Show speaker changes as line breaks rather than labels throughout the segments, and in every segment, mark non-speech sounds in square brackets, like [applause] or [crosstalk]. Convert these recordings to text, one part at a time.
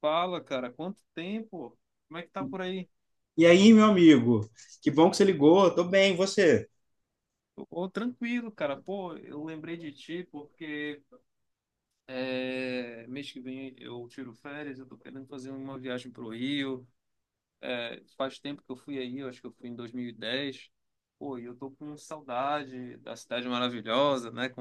Fala, cara, quanto tempo? Como é que tá por aí?
E aí, meu amigo? Que bom que você ligou. Tô bem, e você?
Ô, tranquilo, cara. Pô, eu lembrei de ti porque mês que vem eu tiro férias, eu tô querendo fazer uma viagem pro Rio. É, faz tempo que eu fui aí, eu acho que eu fui em 2010. Pô, e eu tô com saudade da cidade maravilhosa, né?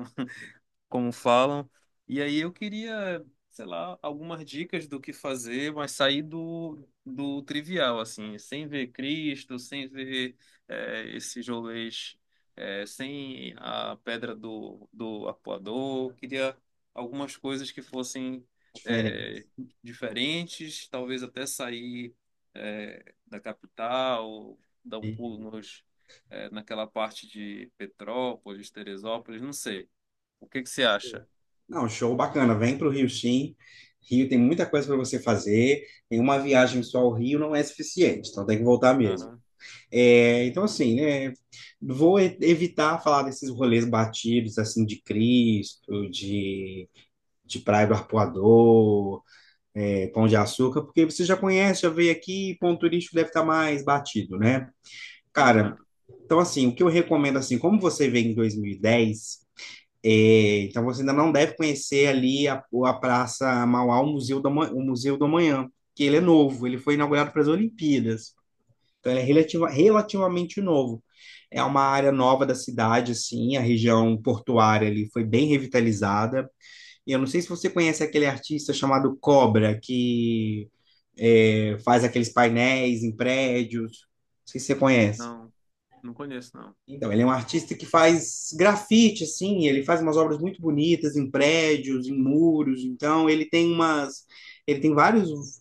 como falam. E aí eu queria, sei lá, algumas dicas do que fazer, mas sair do trivial, assim, sem ver Cristo, sem ver esses rolês, sem a pedra do arpoador. Queria algumas coisas que fossem
Diferente.
é, diferentes, talvez até sair da capital, dar um
Uhum.
pulo nos, naquela parte de Petrópolis, Teresópolis, não sei. O que que você
Show.
acha?
Não, show bacana. Vem para o Rio, sim. Rio tem muita coisa para você fazer. Em uma viagem só ao Rio não é suficiente, então tem que voltar mesmo.
Aham,
É, então, assim, né? Vou evitar falar desses rolês batidos, assim, de Cristo, de Praia do Arpoador, Pão de Açúcar, porque você já conhece, já veio aqui, ponto turístico deve estar mais batido, né?
aham.
Cara. Então, assim, o que eu recomendo, assim, como você veio em 2010, então você ainda não deve conhecer ali a Praça Mauá, o Museu do Amanhã, que ele é novo, ele foi inaugurado para as Olimpíadas. Então, ele é
Bom.
relativamente novo. É uma área nova da cidade, assim, a região portuária ali foi bem revitalizada. E eu não sei se você conhece aquele artista chamado Cobra, que faz aqueles painéis em prédios. Não sei se você conhece.
Não, não conheço, não.
Então, ele é um artista que faz grafite, assim, ele faz umas obras muito bonitas em prédios, em muros, então ele tem umas, ele tem vários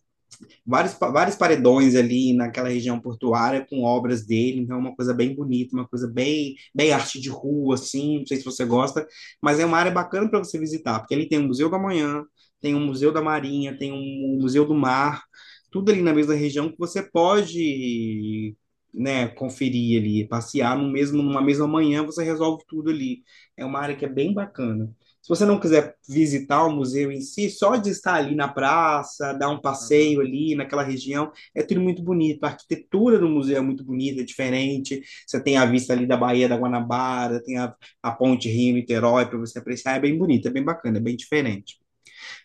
vários, vários paredões ali naquela região portuária com obras dele, então é uma coisa bem bonita, uma coisa bem, bem arte de rua, assim, não sei se você gosta, mas é uma área bacana para você visitar, porque ali tem o Museu da Manhã, tem o Museu da Marinha, tem o Museu do Mar, tudo ali na mesma região que você pode, né, conferir ali, passear no mesmo,
Uhum.
numa mesma manhã, você resolve tudo ali. É uma área que é bem bacana. Se você não quiser visitar o museu em si, só de estar ali na praça, dar um passeio
Aham.
ali naquela região, é tudo muito bonito. A arquitetura do museu é muito bonita, é diferente. Você tem a vista ali da Baía da Guanabara, tem a ponte Rio-Niterói para você apreciar. É bem bonita, é bem bacana, é bem diferente.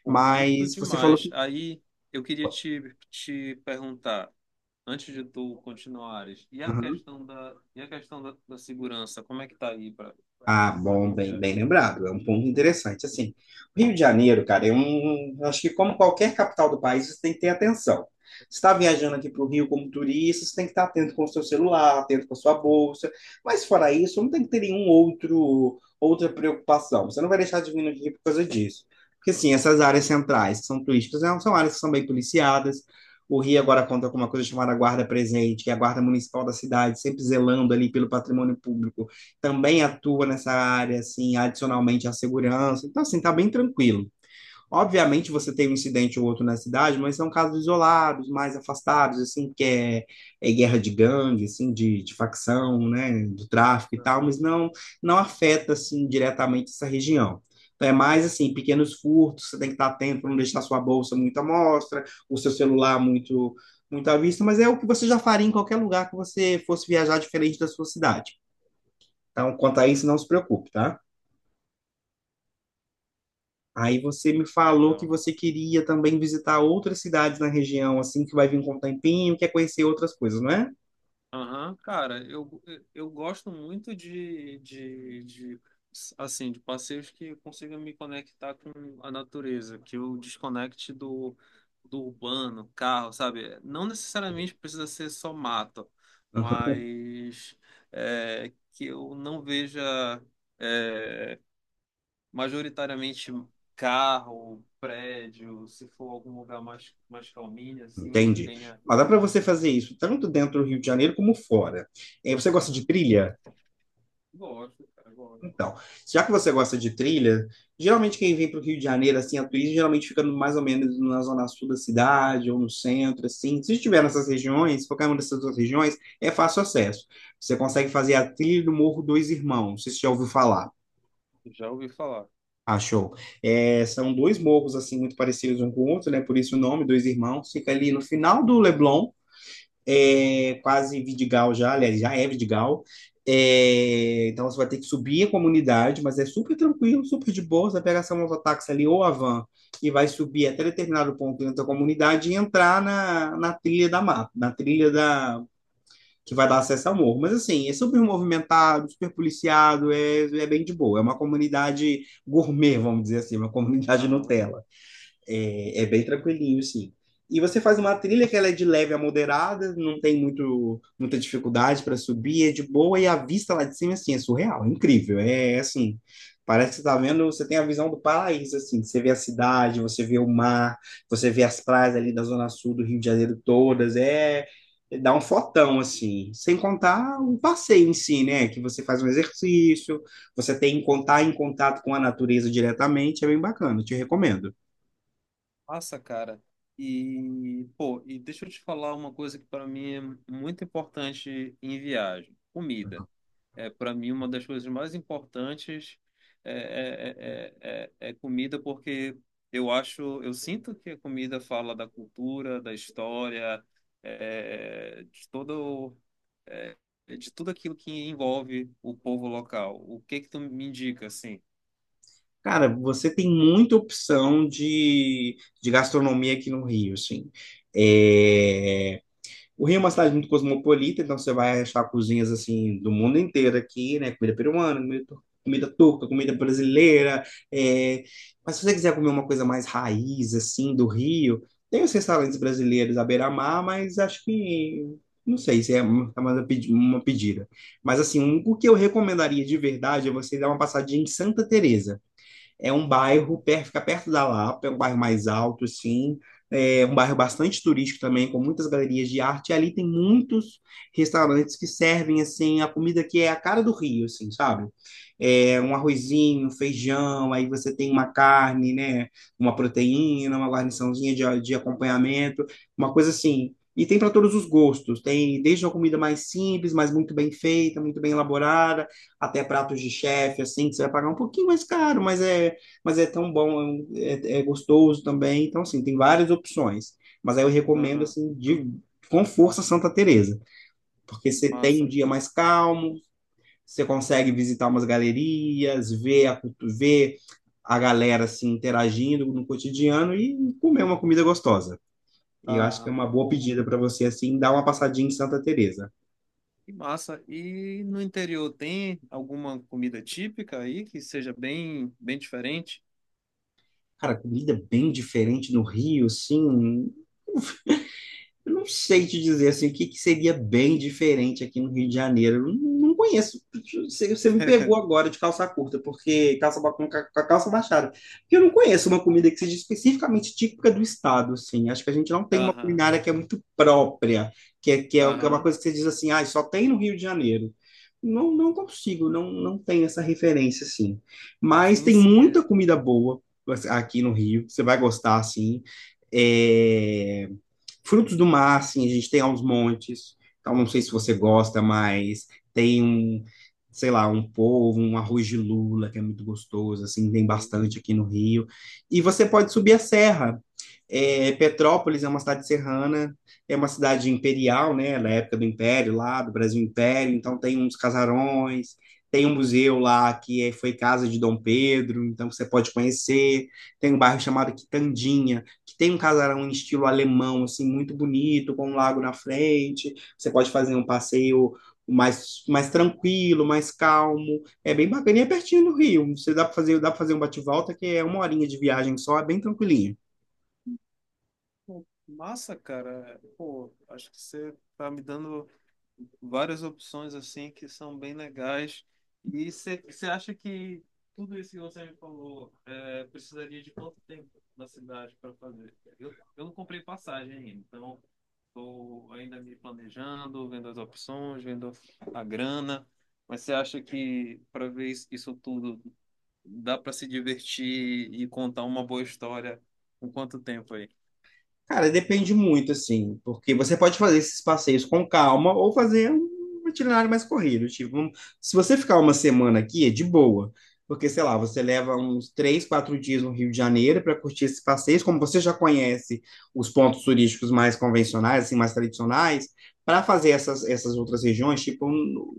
Pô, curto
Mas você falou que.
demais. Aí eu queria te, te perguntar, antes de tu continuares, e a
Aham.
questão da, e a questão da segurança, como é que tá aí para
Ah,
para
bom,
quem
bem,
viaja?
bem lembrado. É um ponto interessante. Assim, o Rio de Janeiro, cara, é um. Eu Acho que como qualquer capital do país, você tem que ter atenção. Você está viajando aqui para o Rio como turista, você tem que estar atento com o seu celular, atento com a sua bolsa. Mas fora isso, não tem que ter nenhum outro outra preocupação. Você não vai deixar de vir no Rio por causa disso. Porque assim, essas áreas centrais que são turísticas, né, são áreas que são bem policiadas. O Rio agora conta com uma coisa chamada Guarda Presente, que é a Guarda Municipal da cidade, sempre zelando ali pelo patrimônio público, também atua nessa área, assim, adicionalmente à segurança. Então, assim, tá bem tranquilo. Obviamente, você tem um incidente ou outro na cidade, mas são casos isolados, mais afastados, assim, que é guerra de gangue, assim, de facção, né, do tráfico e tal,
Aham.
mas não, não afeta, assim, diretamente essa região. Então, é mais, assim, pequenos furtos, você tem que estar atento para não deixar sua bolsa muito à mostra, o seu celular muito muito à vista, mas é o que você já faria em qualquer lugar que você fosse viajar diferente da sua cidade. Então, quanto a isso, não se preocupe, tá? Aí você me falou que
Legal.
você queria também visitar outras cidades na região, assim, que vai vir com o tempinho, quer conhecer outras coisas, não é?
Aham, cara, eu gosto muito de assim, de passeios que consigam me conectar com a natureza, que eu desconecte do urbano, carro, sabe? Não necessariamente precisa ser só mato,
Aham.
mas que eu não veja é, majoritariamente carro, prédio, se for algum lugar mais, mais calminho, assim, que
Entendi.
tenha...
Mas dá para você fazer isso tanto dentro do Rio de Janeiro como fora. Você gosta de
Aham.
trilha?
Gosto, cara, gosto.
Então, já que você gosta de trilha, geralmente quem vem para o Rio de Janeiro, assim, a turismo, geralmente fica mais ou menos na zona sul da cidade ou no centro, assim. Se estiver nessas regiões, qualquer uma dessas duas regiões, é fácil acesso. Você consegue fazer a trilha do Morro dos Irmãos, se você já ouviu falar.
Já ouvi falar.
Achou. É, são dois morros, assim, muito parecidos um com o outro, né? Por isso o nome, Dois Irmãos. Fica ali no final do Leblon, é quase Vidigal já, aliás, já é Vidigal. É, então você vai ter que subir a comunidade, mas é super tranquilo, super de boa. Você pega essa mototáxi ali ou a van e vai subir até determinado ponto dentro da comunidade e entrar na trilha da mata, na trilha da que vai dar acesso ao morro. Mas assim, é super movimentado, super policiado, é, bem de boa. É uma comunidade gourmet, vamos dizer assim, uma comunidade
Aham.
Nutella. É bem tranquilinho, sim. E você faz uma trilha que ela é de leve a moderada, não tem muita dificuldade para subir, é de boa, e a vista lá de cima, assim, é surreal, é incrível. É assim, parece que você tá vendo, você tem a visão do paraíso, assim, você vê a cidade, você vê o mar, você vê as praias ali da zona sul do Rio de Janeiro todas, é dá um fotão, assim, sem contar o passeio em si, né, que você faz um exercício, você tem que estar em contato com a natureza diretamente, é bem bacana, te recomendo.
Nossa, cara. E, pô, e deixa eu te falar uma coisa que para mim é muito importante em viagem. Comida. É para mim uma das coisas mais importantes é comida porque eu acho, eu sinto que a comida fala da cultura, da história, de todo, de tudo aquilo que envolve o povo local. O que que tu me indica, assim?
Cara, você tem muita opção de gastronomia aqui no Rio, assim. É, O Rio é uma cidade muito cosmopolita, então você vai achar cozinhas, assim, do mundo inteiro aqui, né? Comida peruana, comida turca, comida brasileira. é, Mas se você quiser comer uma coisa mais raiz, assim, do Rio, tem os restaurantes brasileiros à beira-mar, mas acho que... Não sei se é uma pedida. Mas, assim, o que eu recomendaria de verdade é você dar uma passadinha em Santa Teresa. É um
Aham.
fica perto da Lapa, é um bairro mais alto, assim, é um bairro bastante turístico também, com muitas galerias de arte. E ali tem muitos restaurantes que servem, assim, a comida que é a cara do Rio, assim, sabe? É um arrozinho, um feijão, aí você tem uma carne, né? Uma proteína, uma guarniçãozinha de acompanhamento, uma coisa assim. E tem para todos os gostos. Tem desde uma comida mais simples, mas muito bem feita, muito bem elaborada, até pratos de chefe, assim, que você vai pagar um pouquinho mais caro, mas é tão bom, é gostoso também. Então, assim, tem várias opções. Mas aí eu recomendo,
Aham.
assim, com força Santa Teresa, porque
Pô,
você tem um
massa.
dia mais calmo, você consegue visitar umas galerias, ver a galera, assim, interagindo no cotidiano e comer uma comida gostosa. E eu acho que é
Ah
uma boa
Pô,
pedida para você, assim, dar uma passadinha em Santa Teresa.
que massa. E no interior tem alguma comida típica aí que seja bem, bem diferente?
Cara, comida bem diferente no Rio, assim, eu não sei te dizer assim, o que, que seria bem diferente aqui no Rio de Janeiro. Eu não conheço. Você me pegou
[laughs]
agora de calça curta, porque calça ba- com ca- com a calça baixada. Porque eu não conheço uma comida que seja especificamente típica do estado, assim. Acho que a gente não tem uma
Aham,
culinária que é muito própria, que é uma
aham.
coisa que você diz assim, ah, só tem no Rio de Janeiro. Não, não consigo, não, não tenho essa referência, assim. Mas
Sim,
tem
sim. É.
muita comida boa, assim, aqui no Rio, você vai gostar, assim. É... Frutos do mar, assim, a gente tem aos montes. Então, não sei se você gosta, mas tem um, sei lá, um polvo, um arroz de lula, que é muito gostoso, assim, tem
Bom,
bastante aqui no Rio. E você pode subir a serra. Petrópolis é uma cidade serrana, é uma cidade imperial, né, da época do Império, lá do Brasil Império, então tem uns casarões, tem um museu lá foi casa de Dom Pedro, então você pode conhecer, tem um bairro chamado Quitandinha, que tem um casarão em estilo alemão, assim, muito bonito, com um lago na frente. Você pode fazer um passeio mais tranquilo, mais calmo. É bem bacana e é pertinho do Rio. Você dá para fazer um bate-volta que é uma horinha de viagem só, é bem tranquilinho.
pô, massa, cara. Pô, acho que você tá me dando várias opções assim que são bem legais. E você acha que tudo isso que você me falou precisaria de quanto tempo na cidade para fazer? Eu não comprei passagem ainda, então estou ainda me planejando, vendo as opções, vendo a grana. Mas você acha que para ver isso isso tudo dá para se divertir e contar uma boa história com quanto tempo aí?
Cara, depende muito, assim, porque você pode fazer esses passeios com calma ou fazer um itinerário mais corrido. Tipo, se você ficar uma semana aqui, é de boa. Porque, sei lá, você leva uns 3, 4 dias no Rio de Janeiro para curtir esses passeios, como você já conhece os pontos turísticos mais convencionais, assim, mais tradicionais, para fazer essas outras regiões, tipo um-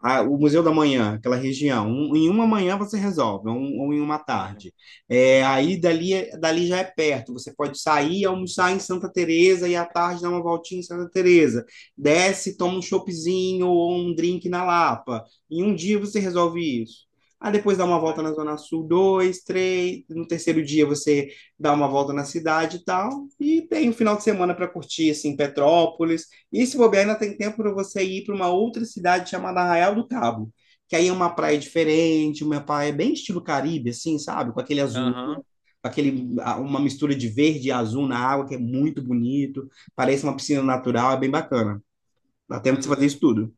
a- o Museu da Manhã, aquela região. Em uma manhã você resolve, ou em uma
Aham,
tarde. Aí dali já é perto. Você pode sair, e almoçar em Santa Teresa e à tarde dar uma voltinha em Santa Teresa. Desce, toma um choppzinho ou um drink na Lapa. Em um dia você resolve isso. Aí depois dá uma volta na
legal.
Zona Sul, dois, três. No terceiro dia você dá uma volta na cidade e tal. E tem um final de semana para curtir, assim, Petrópolis. E se bobear, ainda tem tempo para você ir para uma outra cidade chamada Arraial do Cabo, que aí é uma praia diferente, uma praia bem estilo Caribe, assim, sabe? Com aquele azul,
Aham,
uma mistura de verde e azul na água, que é muito bonito. Parece uma piscina natural, é bem bacana. Dá tempo de você fazer
legal.
isso tudo.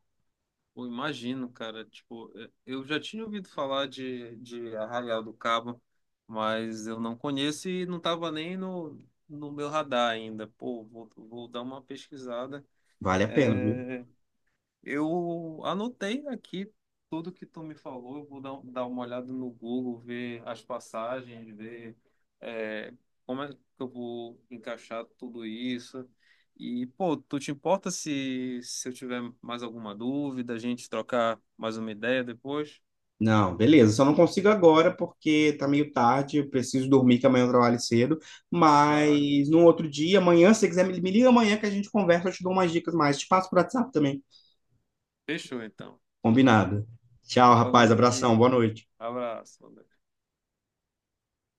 Eu imagino, cara. Tipo, eu já tinha ouvido falar de Arraial do Cabo, mas eu não conheço e não estava nem no, no meu radar ainda. Pô, vou, vou dar uma pesquisada.
Vale a pena, viu?
É, eu anotei aqui tudo que tu me falou. Eu vou dar, dar uma olhada no Google, ver as passagens, ver é, como é que eu vou encaixar tudo isso. E, pô, tu te importa se, se eu tiver mais alguma dúvida, a gente trocar mais uma ideia depois?
Não, beleza. Só não consigo agora porque tá meio tarde, eu preciso dormir, que amanhã eu trabalho cedo.
Claro.
Mas no outro dia, amanhã, se você quiser, me liga amanhã que a gente conversa, eu te dou umas dicas mais. Te passo por WhatsApp também.
Fechou, então.
Combinado. Tchau, rapaz.
Valeu,
Abração.
Levi.
Boa noite.
Abraço.